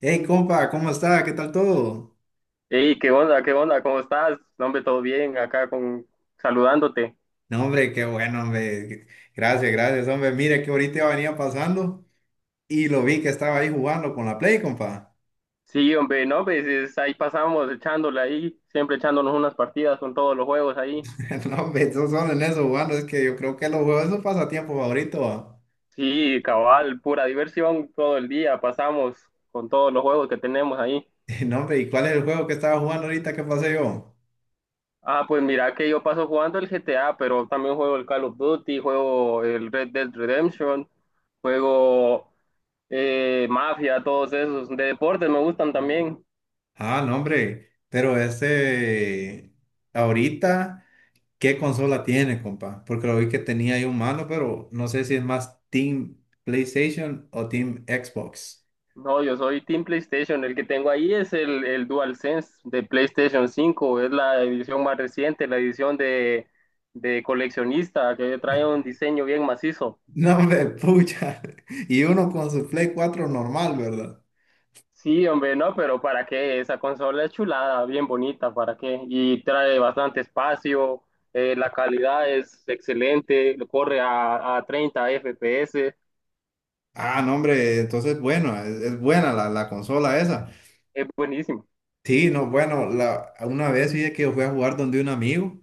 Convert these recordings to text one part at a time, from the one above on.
Hey, compa, ¿cómo está? ¿Qué tal todo? Hey, ¿qué onda? ¿Qué onda? ¿Cómo estás? No, hombre, todo bien, acá con saludándote. No, hombre, qué bueno, hombre. Gracias, gracias, hombre. Mire que ahorita venía pasando y lo vi que estaba ahí jugando con la Play, compa. Sí, hombre, no, pues ahí pasamos echándole ahí, siempre echándonos unas partidas con todos los juegos ahí. No, hombre, esos son en eso jugando. Es que yo creo que los juegos es su pasatiempo favorito, va. Sí, cabal, pura diversión todo el día, pasamos con todos los juegos que tenemos ahí. No, hombre, ¿y cuál es el juego que estaba jugando ahorita que pasé yo? Ah, pues mira que yo paso jugando el GTA, pero también juego el Call of Duty, juego el Red Dead Redemption, juego Mafia, todos esos. De deportes me gustan también. Ah, no, hombre, pero ese... Ahorita, ¿qué consola tiene, compa? Porque lo vi que tenía ahí un mano, pero no sé si es más Team PlayStation o Team Xbox. No, yo soy Team PlayStation. El que tengo ahí es el DualSense de PlayStation 5. Es la edición más reciente, la edición de coleccionista, que trae un diseño bien macizo. No, hombre, pucha. Y uno con su Play cuatro normal, ¿verdad? Sí, hombre, no, pero ¿para qué? Esa consola es chulada, bien bonita, ¿para qué? Y trae bastante espacio, la calidad es excelente, corre a, 30 FPS, Ah, no, hombre, entonces, bueno, es buena la consola esa. es buenísimo. Sí, no, bueno, una vez fíjate que yo fui a jugar donde un amigo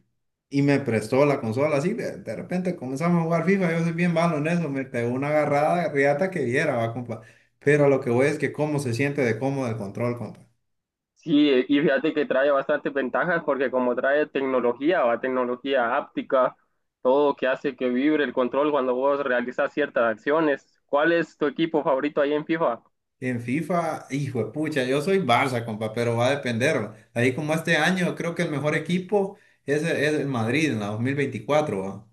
y me prestó la consola, así, de repente comenzamos a jugar FIFA, yo soy bien malo en eso, me pegó una agarrada riata que viera, va, compa. Pero lo que voy es que cómo se siente de cómodo el control, compa. Sí, y fíjate que trae bastantes ventajas porque como trae tecnología, va tecnología áptica, todo que hace que vibre el control cuando vos realizas ciertas acciones. ¿Cuál es tu equipo favorito ahí en FIFA? En FIFA, hijo de pucha, yo soy Barça, compa, pero va a depender. Ahí como este año, creo que el mejor equipo es el Madrid en la 2024, ¿va?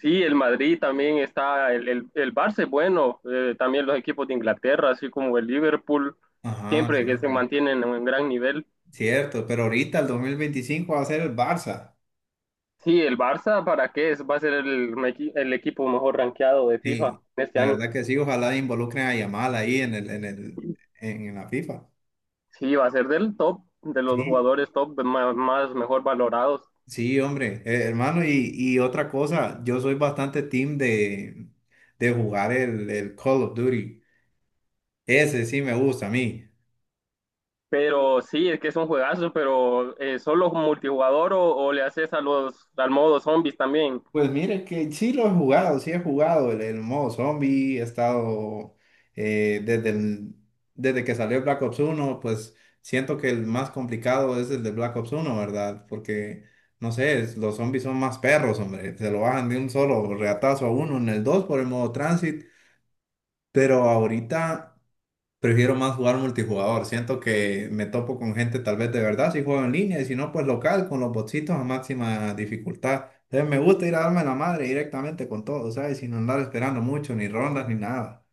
Sí, el Madrid también está, el Barça es bueno, también los equipos de Inglaterra, así como el Liverpool, Ajá, siempre que se cierto. mantienen en un gran nivel. Cierto, pero ahorita el 2025 va a ser el Barça. Sí, el Barça, ¿para qué? Va a ser el equipo mejor rankeado de FIFA Sí, este la año. verdad que sí, ojalá involucren a Yamal ahí en la FIFA. Sí, va a ser del top, de los Sí, jugadores top más mejor valorados. sí, hombre, hermano, y otra cosa, yo soy bastante team de jugar el Call of Duty. Ese sí me gusta a mí. Pero sí, es que es un juegazo, pero solo multijugador o le haces al modo zombies también. Pues mire que sí lo he jugado, sí he jugado el modo zombie, he estado eh, desde, el- desde que salió Black Ops uno. Pues siento que el más complicado es el de Black Ops uno, ¿verdad? Porque, no sé, los zombies son más perros, hombre, se lo bajan de un solo reatazo a uno en el 2 por el modo transit, pero ahorita... Prefiero más jugar multijugador. Siento que me topo con gente tal vez de verdad si juego en línea y si no, pues local con los botsitos a máxima dificultad. Entonces me gusta ir a darme la madre directamente con todo, ¿sabes? Sin andar esperando mucho, ni rondas, ni nada.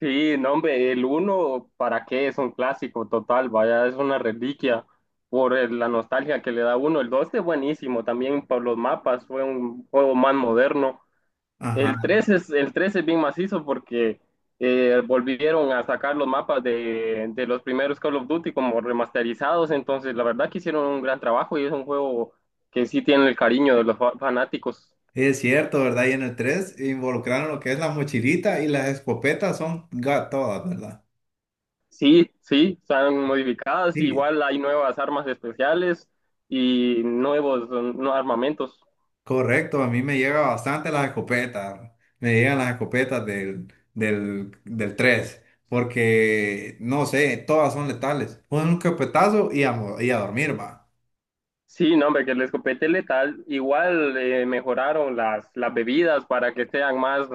Sí, no, hombre, el uno ¿para qué? Es un clásico total, vaya, es una reliquia la nostalgia que le da uno. El 2 es buenísimo también por los mapas, fue un juego más moderno. Ajá, El tres es bien macizo porque volvieron a sacar los mapas de los primeros Call of Duty como remasterizados, entonces la verdad que hicieron un gran trabajo y es un juego que sí tiene el cariño de los fanáticos. es cierto, ¿verdad? Y en el 3 involucraron lo que es la mochilita y las escopetas son todas, ¿verdad? Sí, sí, están modificadas, Sí, igual hay nuevas armas especiales y nuevos no, armamentos. correcto, a mí me llega bastante las escopetas, me llegan las escopetas del 3, porque no sé, todas son letales. Un escopetazo y a dormir, va. Sí, no, hombre, que el escopete letal, igual mejoraron las bebidas para que sean más,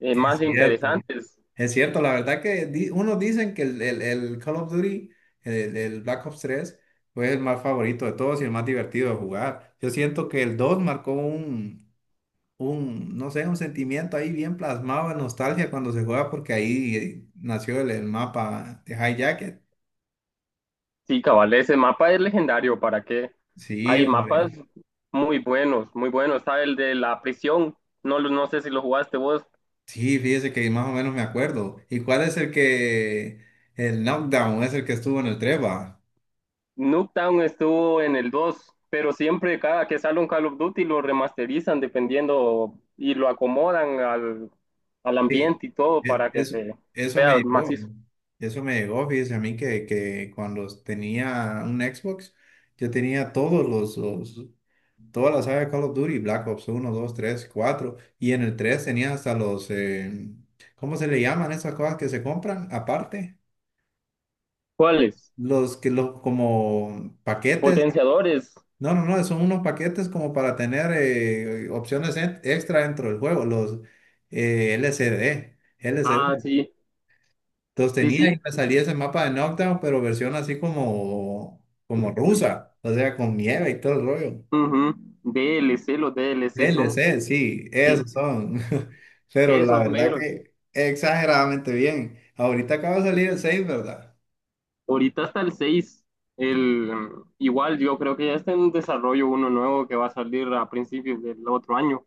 eh, Es más cierto. interesantes. Es cierto, la verdad que unos dicen que el, el Call of Duty, el Black Ops tres fue el más favorito de todos y el más divertido de jugar. Yo siento que el 2 marcó no sé, un sentimiento ahí bien plasmado de nostalgia cuando se juega, porque ahí nació el mapa de High Jacket. Sí, cabal, ese mapa es legendario, ¿para qué? Sí, Hay mapas hombre. muy buenos, muy buenos. Está el de la prisión, no, no sé si lo jugaste vos. Sí, fíjese que más o menos me acuerdo. ¿Y cuál es el knockdown es el que estuvo en el Treba? Nuketown estuvo en el 2, pero siempre cada que sale un Call of Duty lo remasterizan dependiendo y lo acomodan al Sí, ambiente y todo e- para que eso, se eso me vea llegó, macizo. ¿no? Eso me llegó, fíjese a mí que cuando tenía un Xbox, yo tenía todos todas las saga de Call of Duty, Black Ops uno, 2, 3, cuatro, y en el 3 tenía hasta los, ¿cómo se le llaman esas cosas que se compran aparte? ¿Cuáles? Los que los como paquetes, Potenciadores. no, no, no, son unos paquetes como para tener opciones extra dentro del juego, los, LCD. Ah, sí, Entonces sí, tenía sí. y me salía ese mapa de Knockdown, pero versión así como rusa, o sea, con nieve y todo el rollo. Ujú. D L C los D L D C L son, C sí, sí, esos son. Pero la esos verdad meros. que exageradamente bien. Ahorita acaba de salir el 6, ¿verdad? Ahorita hasta el 6 el, igual yo creo que ya está en desarrollo uno nuevo que va a salir a principios del otro año.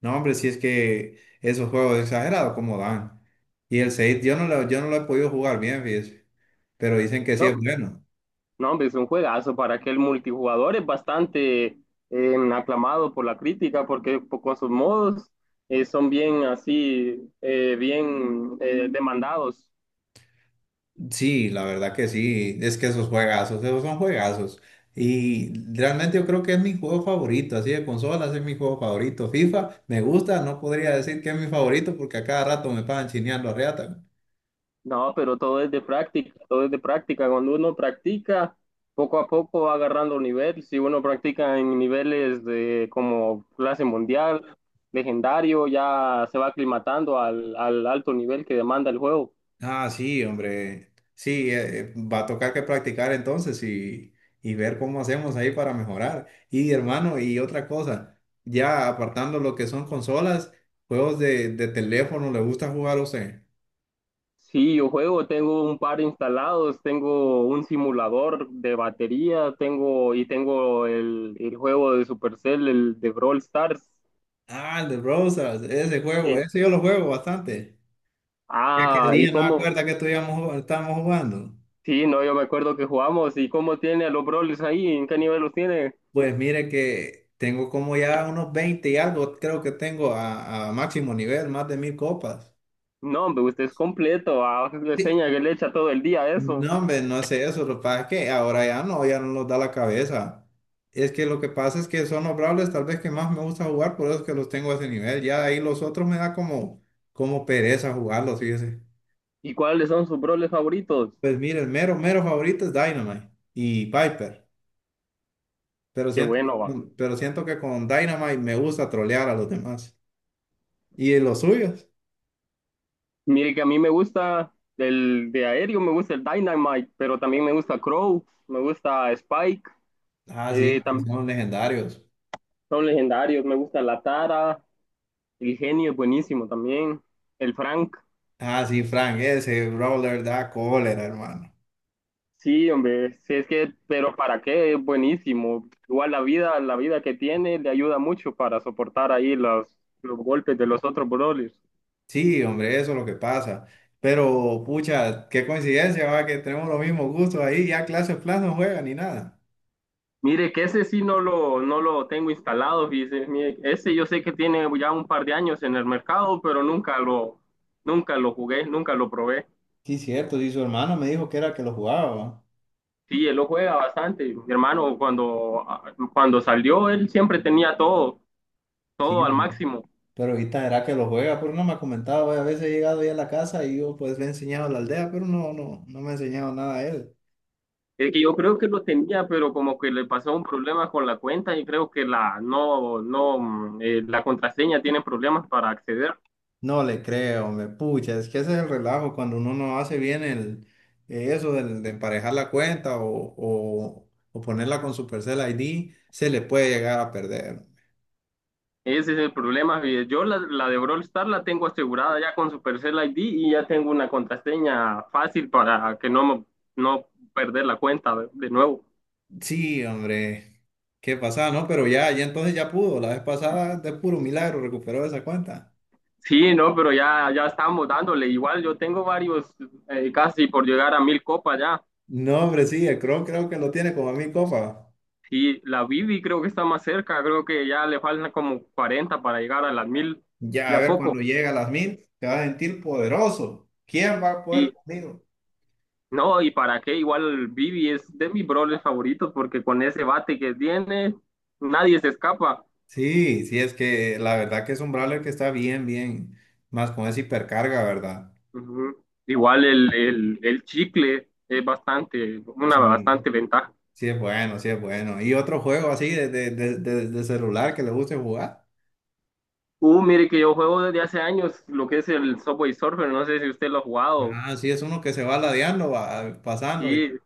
No, hombre, si es que esos juegos exagerados como dan. Y el 6 yo no lo he podido jugar bien, fíjese. Pero dicen que sí No, es bueno. no, hombre, es un juegazo para que el multijugador es bastante aclamado por la crítica porque con sus modos son bien así, bien demandados. Sí, la verdad que sí, es que esos juegazos, esos son juegazos. Y realmente yo creo que es mi juego favorito, así de consolas es mi juego favorito. FIFA me gusta, no podría decir que es mi favorito porque a cada rato me pagan chineando a reata. No, pero todo es de práctica, todo es de práctica. Cuando uno practica, poco a poco va agarrando nivel. Si uno practica en niveles de como clase mundial, legendario, ya se va aclimatando al alto nivel que demanda el juego. Ah, sí, hombre, sí, va a tocar que practicar entonces y ver cómo hacemos ahí para mejorar. Y hermano, y otra cosa, ya apartando lo que son consolas, juegos de teléfono, ¿le gusta jugar a usted? Sí, yo juego, tengo un par instalados, tengo un simulador de batería, tengo y tengo el juego de Supercell, el de Brawl Stars. Ah, el de Browsers, ese juego, Y- ese yo lo juego bastante. Y aquel y día no me cómo, acuerdo que estuvimos, estábamos jugando. sí, no, yo me acuerdo que jugamos y cómo tiene a los Brawlers ahí, en qué nivel los tiene. Pues mire que tengo como ya unos 20 y algo, creo que tengo a máximo nivel, más de 1000 copas. No, hombre, usted es completo, ah, le Sí. enseña que le echa todo el día a eso. No, hombre, no sé eso, lo que pasa es que ahora ya no nos da la cabeza. Es que lo que pasa es que son los Brawlers tal vez que más me gusta jugar, por eso es que los tengo a ese nivel. Ya ahí los otros me da como pereza jugarlos, fíjese. ¿Y cuáles son sus Brawlers favoritos? Pues mire, el mero, mero favorito es Dynamite y Piper. Pero Qué siento, bueno, va. pero siento que con Dynamite me gusta trolear a los demás. ¿Y en los suyos? Mire que a mí me gusta el de aéreo, me gusta el Dynamite, pero también me gusta Crow, me gusta Spike, Ah, eh, sí, que tam- son legendarios. son legendarios, me gusta la Tara, el genio es buenísimo también, el Frank. Ah, sí, Frank, ese Brawler da cólera, hermano. Sí, hombre, sí, es que, pero ¿para qué? Es buenísimo. Igual la vida que tiene le ayuda mucho para soportar ahí los golpes de los otros brothers. Sí, hombre, eso es lo que pasa. Pero, pucha, qué coincidencia, va, que tenemos los mismos gustos ahí. Ya clase plan no juega ni nada. Mire, que ese sí no lo tengo instalado, fíjese. Mire, ese yo sé que tiene ya un par de años en el mercado, pero nunca lo jugué, nunca lo probé. Sí, cierto, sí, su hermano me dijo que era que lo jugaba, va. Sí, él lo juega bastante. Mi hermano, cuando salió, él siempre tenía todo, Sí, todo al hombre, máximo. pero ahorita era que lo juega, pero no me ha comentado, va. A veces he llegado ahí a la casa y yo pues le he enseñado a la aldea, pero no, no, no me ha enseñado nada a él. Es que yo creo que lo tenía, pero como que le pasó un problema con la cuenta y creo que la no, no, la contraseña tiene problemas para acceder. No le creo, me pucha, es que ese es el relajo cuando uno no hace bien eso de emparejar la cuenta o ponerla con su Supercell ID, se le puede llegar a perder. Ese es el problema. Y yo la de Brawl Stars la tengo asegurada ya con Supercell ID y ya tengo una contraseña fácil para que no, no perder la cuenta de nuevo. Sí, hombre, qué pasada, ¿no? Pero ya entonces ya pudo, la vez pasada de puro milagro recuperó esa cuenta. Sí, no, pero ya, ya estamos dándole. Igual yo tengo varios, casi por llegar a 1.000 copas ya. No, hombre, sí, el Chrome creo que lo tiene como a 1000 copas. Y la Bibi creo que está más cerca, creo que ya le faltan como 40 para llegar a las 1.000 Ya, a ya ver, poco. cuando llega a las mil, te vas a sentir poderoso. ¿Quién va a poder Y conmigo? no, ¿y para qué? Igual Bibi es de mis brawlers favoritos porque con ese bate que tiene, nadie se escapa. Sí, sí, es que la verdad que es un brawler que está bien, bien, más con esa hipercarga, ¿verdad? Ujú. Igual el chicle es bastante, una Sí, bastante ventaja. sí es bueno, sí es bueno. ¿Y otro juego así de celular que le guste jugar? Mire que yo juego desde hace años lo que es el Subway Surfer, no sé si usted lo ha jugado, Ah, sí, es uno que se va ladeando, va pasando. Y, sí,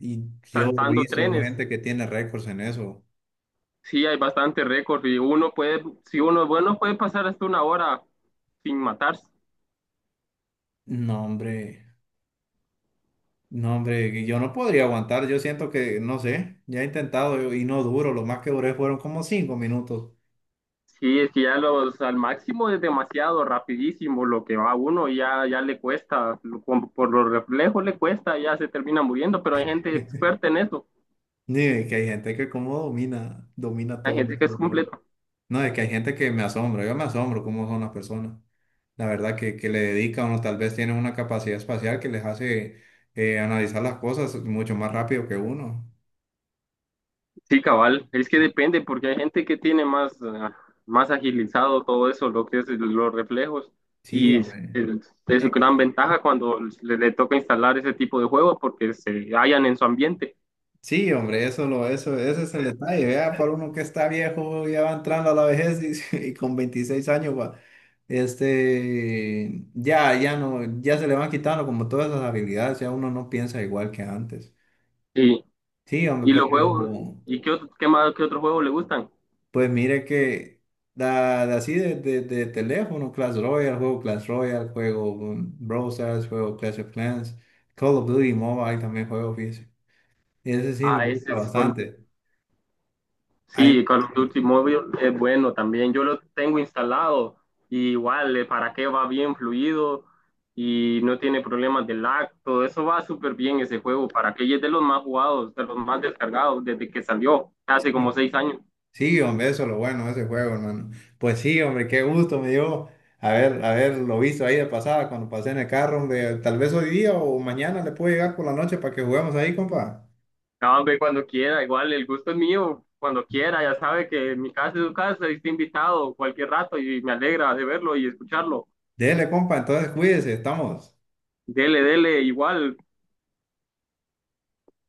y yo he saltando visto trenes. gente que tiene récords en eso. Sí, hay bastante récord y uno puede, si uno es bueno, puede pasar hasta una hora sin matarse. No, hombre, no, hombre, yo no podría aguantar. Yo siento que, no sé, ya he intentado yo, y no duro. Lo más que duré fueron como 5 minutos. Sí, es que ya al máximo es demasiado rapidísimo lo que va uno y ya, ya le cuesta, como por los reflejos le cuesta, ya se termina muriendo, pero hay gente experta en eso, Ni que hay gente que como domina, domina hay todo gente que es eso. completamente. No, es que hay gente que me asombra, yo me asombro cómo son las personas. La verdad que le dedican o tal vez tienen una capacidad espacial que les hace analizar las cosas mucho más rápido que uno. Sí, cabal, es que depende, porque hay gente que tiene más agilizado todo eso, lo que es los reflejos, Sí, y es, hombre. es- es Es que- gran ventaja cuando le toca instalar ese tipo de juegos porque se hallan en su ambiente. Sí, hombre, ese es el detalle. Vea, para uno que está viejo, ya va entrando a la vejez y con 26 años, va, este, ya, ya no, ya se le van quitando como todas esas habilidades, ya uno no piensa igual que antes. Y, Sí, hombre, y pero los juegos, ¿y qué, qué más, qué otros juegos le gustan? pues mire que da así de teléfono, Clash Royale, juego Brawl Stars, juego Clash of Clans, Call of Duty Mobile también juego, fíjese. Y ese sí me Ah, ese gusta es. bastante. Ahí me Sí, Call of Duty gusta, Mobile es bueno también. Yo lo tengo instalado y igual para qué va bien fluido y no tiene problemas de lag. Todo eso va súper bien ese juego. Para que es de los más jugados, de los más descargados desde que salió hace como sí, 6 años. sí, hombre, eso es lo bueno de ese juego, hermano. Pues sí, hombre, qué gusto me dio haberlo visto ahí de pasada cuando pasé en el carro, hombre. Tal vez hoy día o mañana le puedo llegar por la noche para que juguemos ahí, compa. No, hombre, cuando quiera, igual el gusto es mío. Cuando quiera, ya sabe que mi casa es su casa y está invitado cualquier rato y me alegra de verlo y escucharlo. Dele, compa, entonces cuídese, estamos. Dele, dele, igual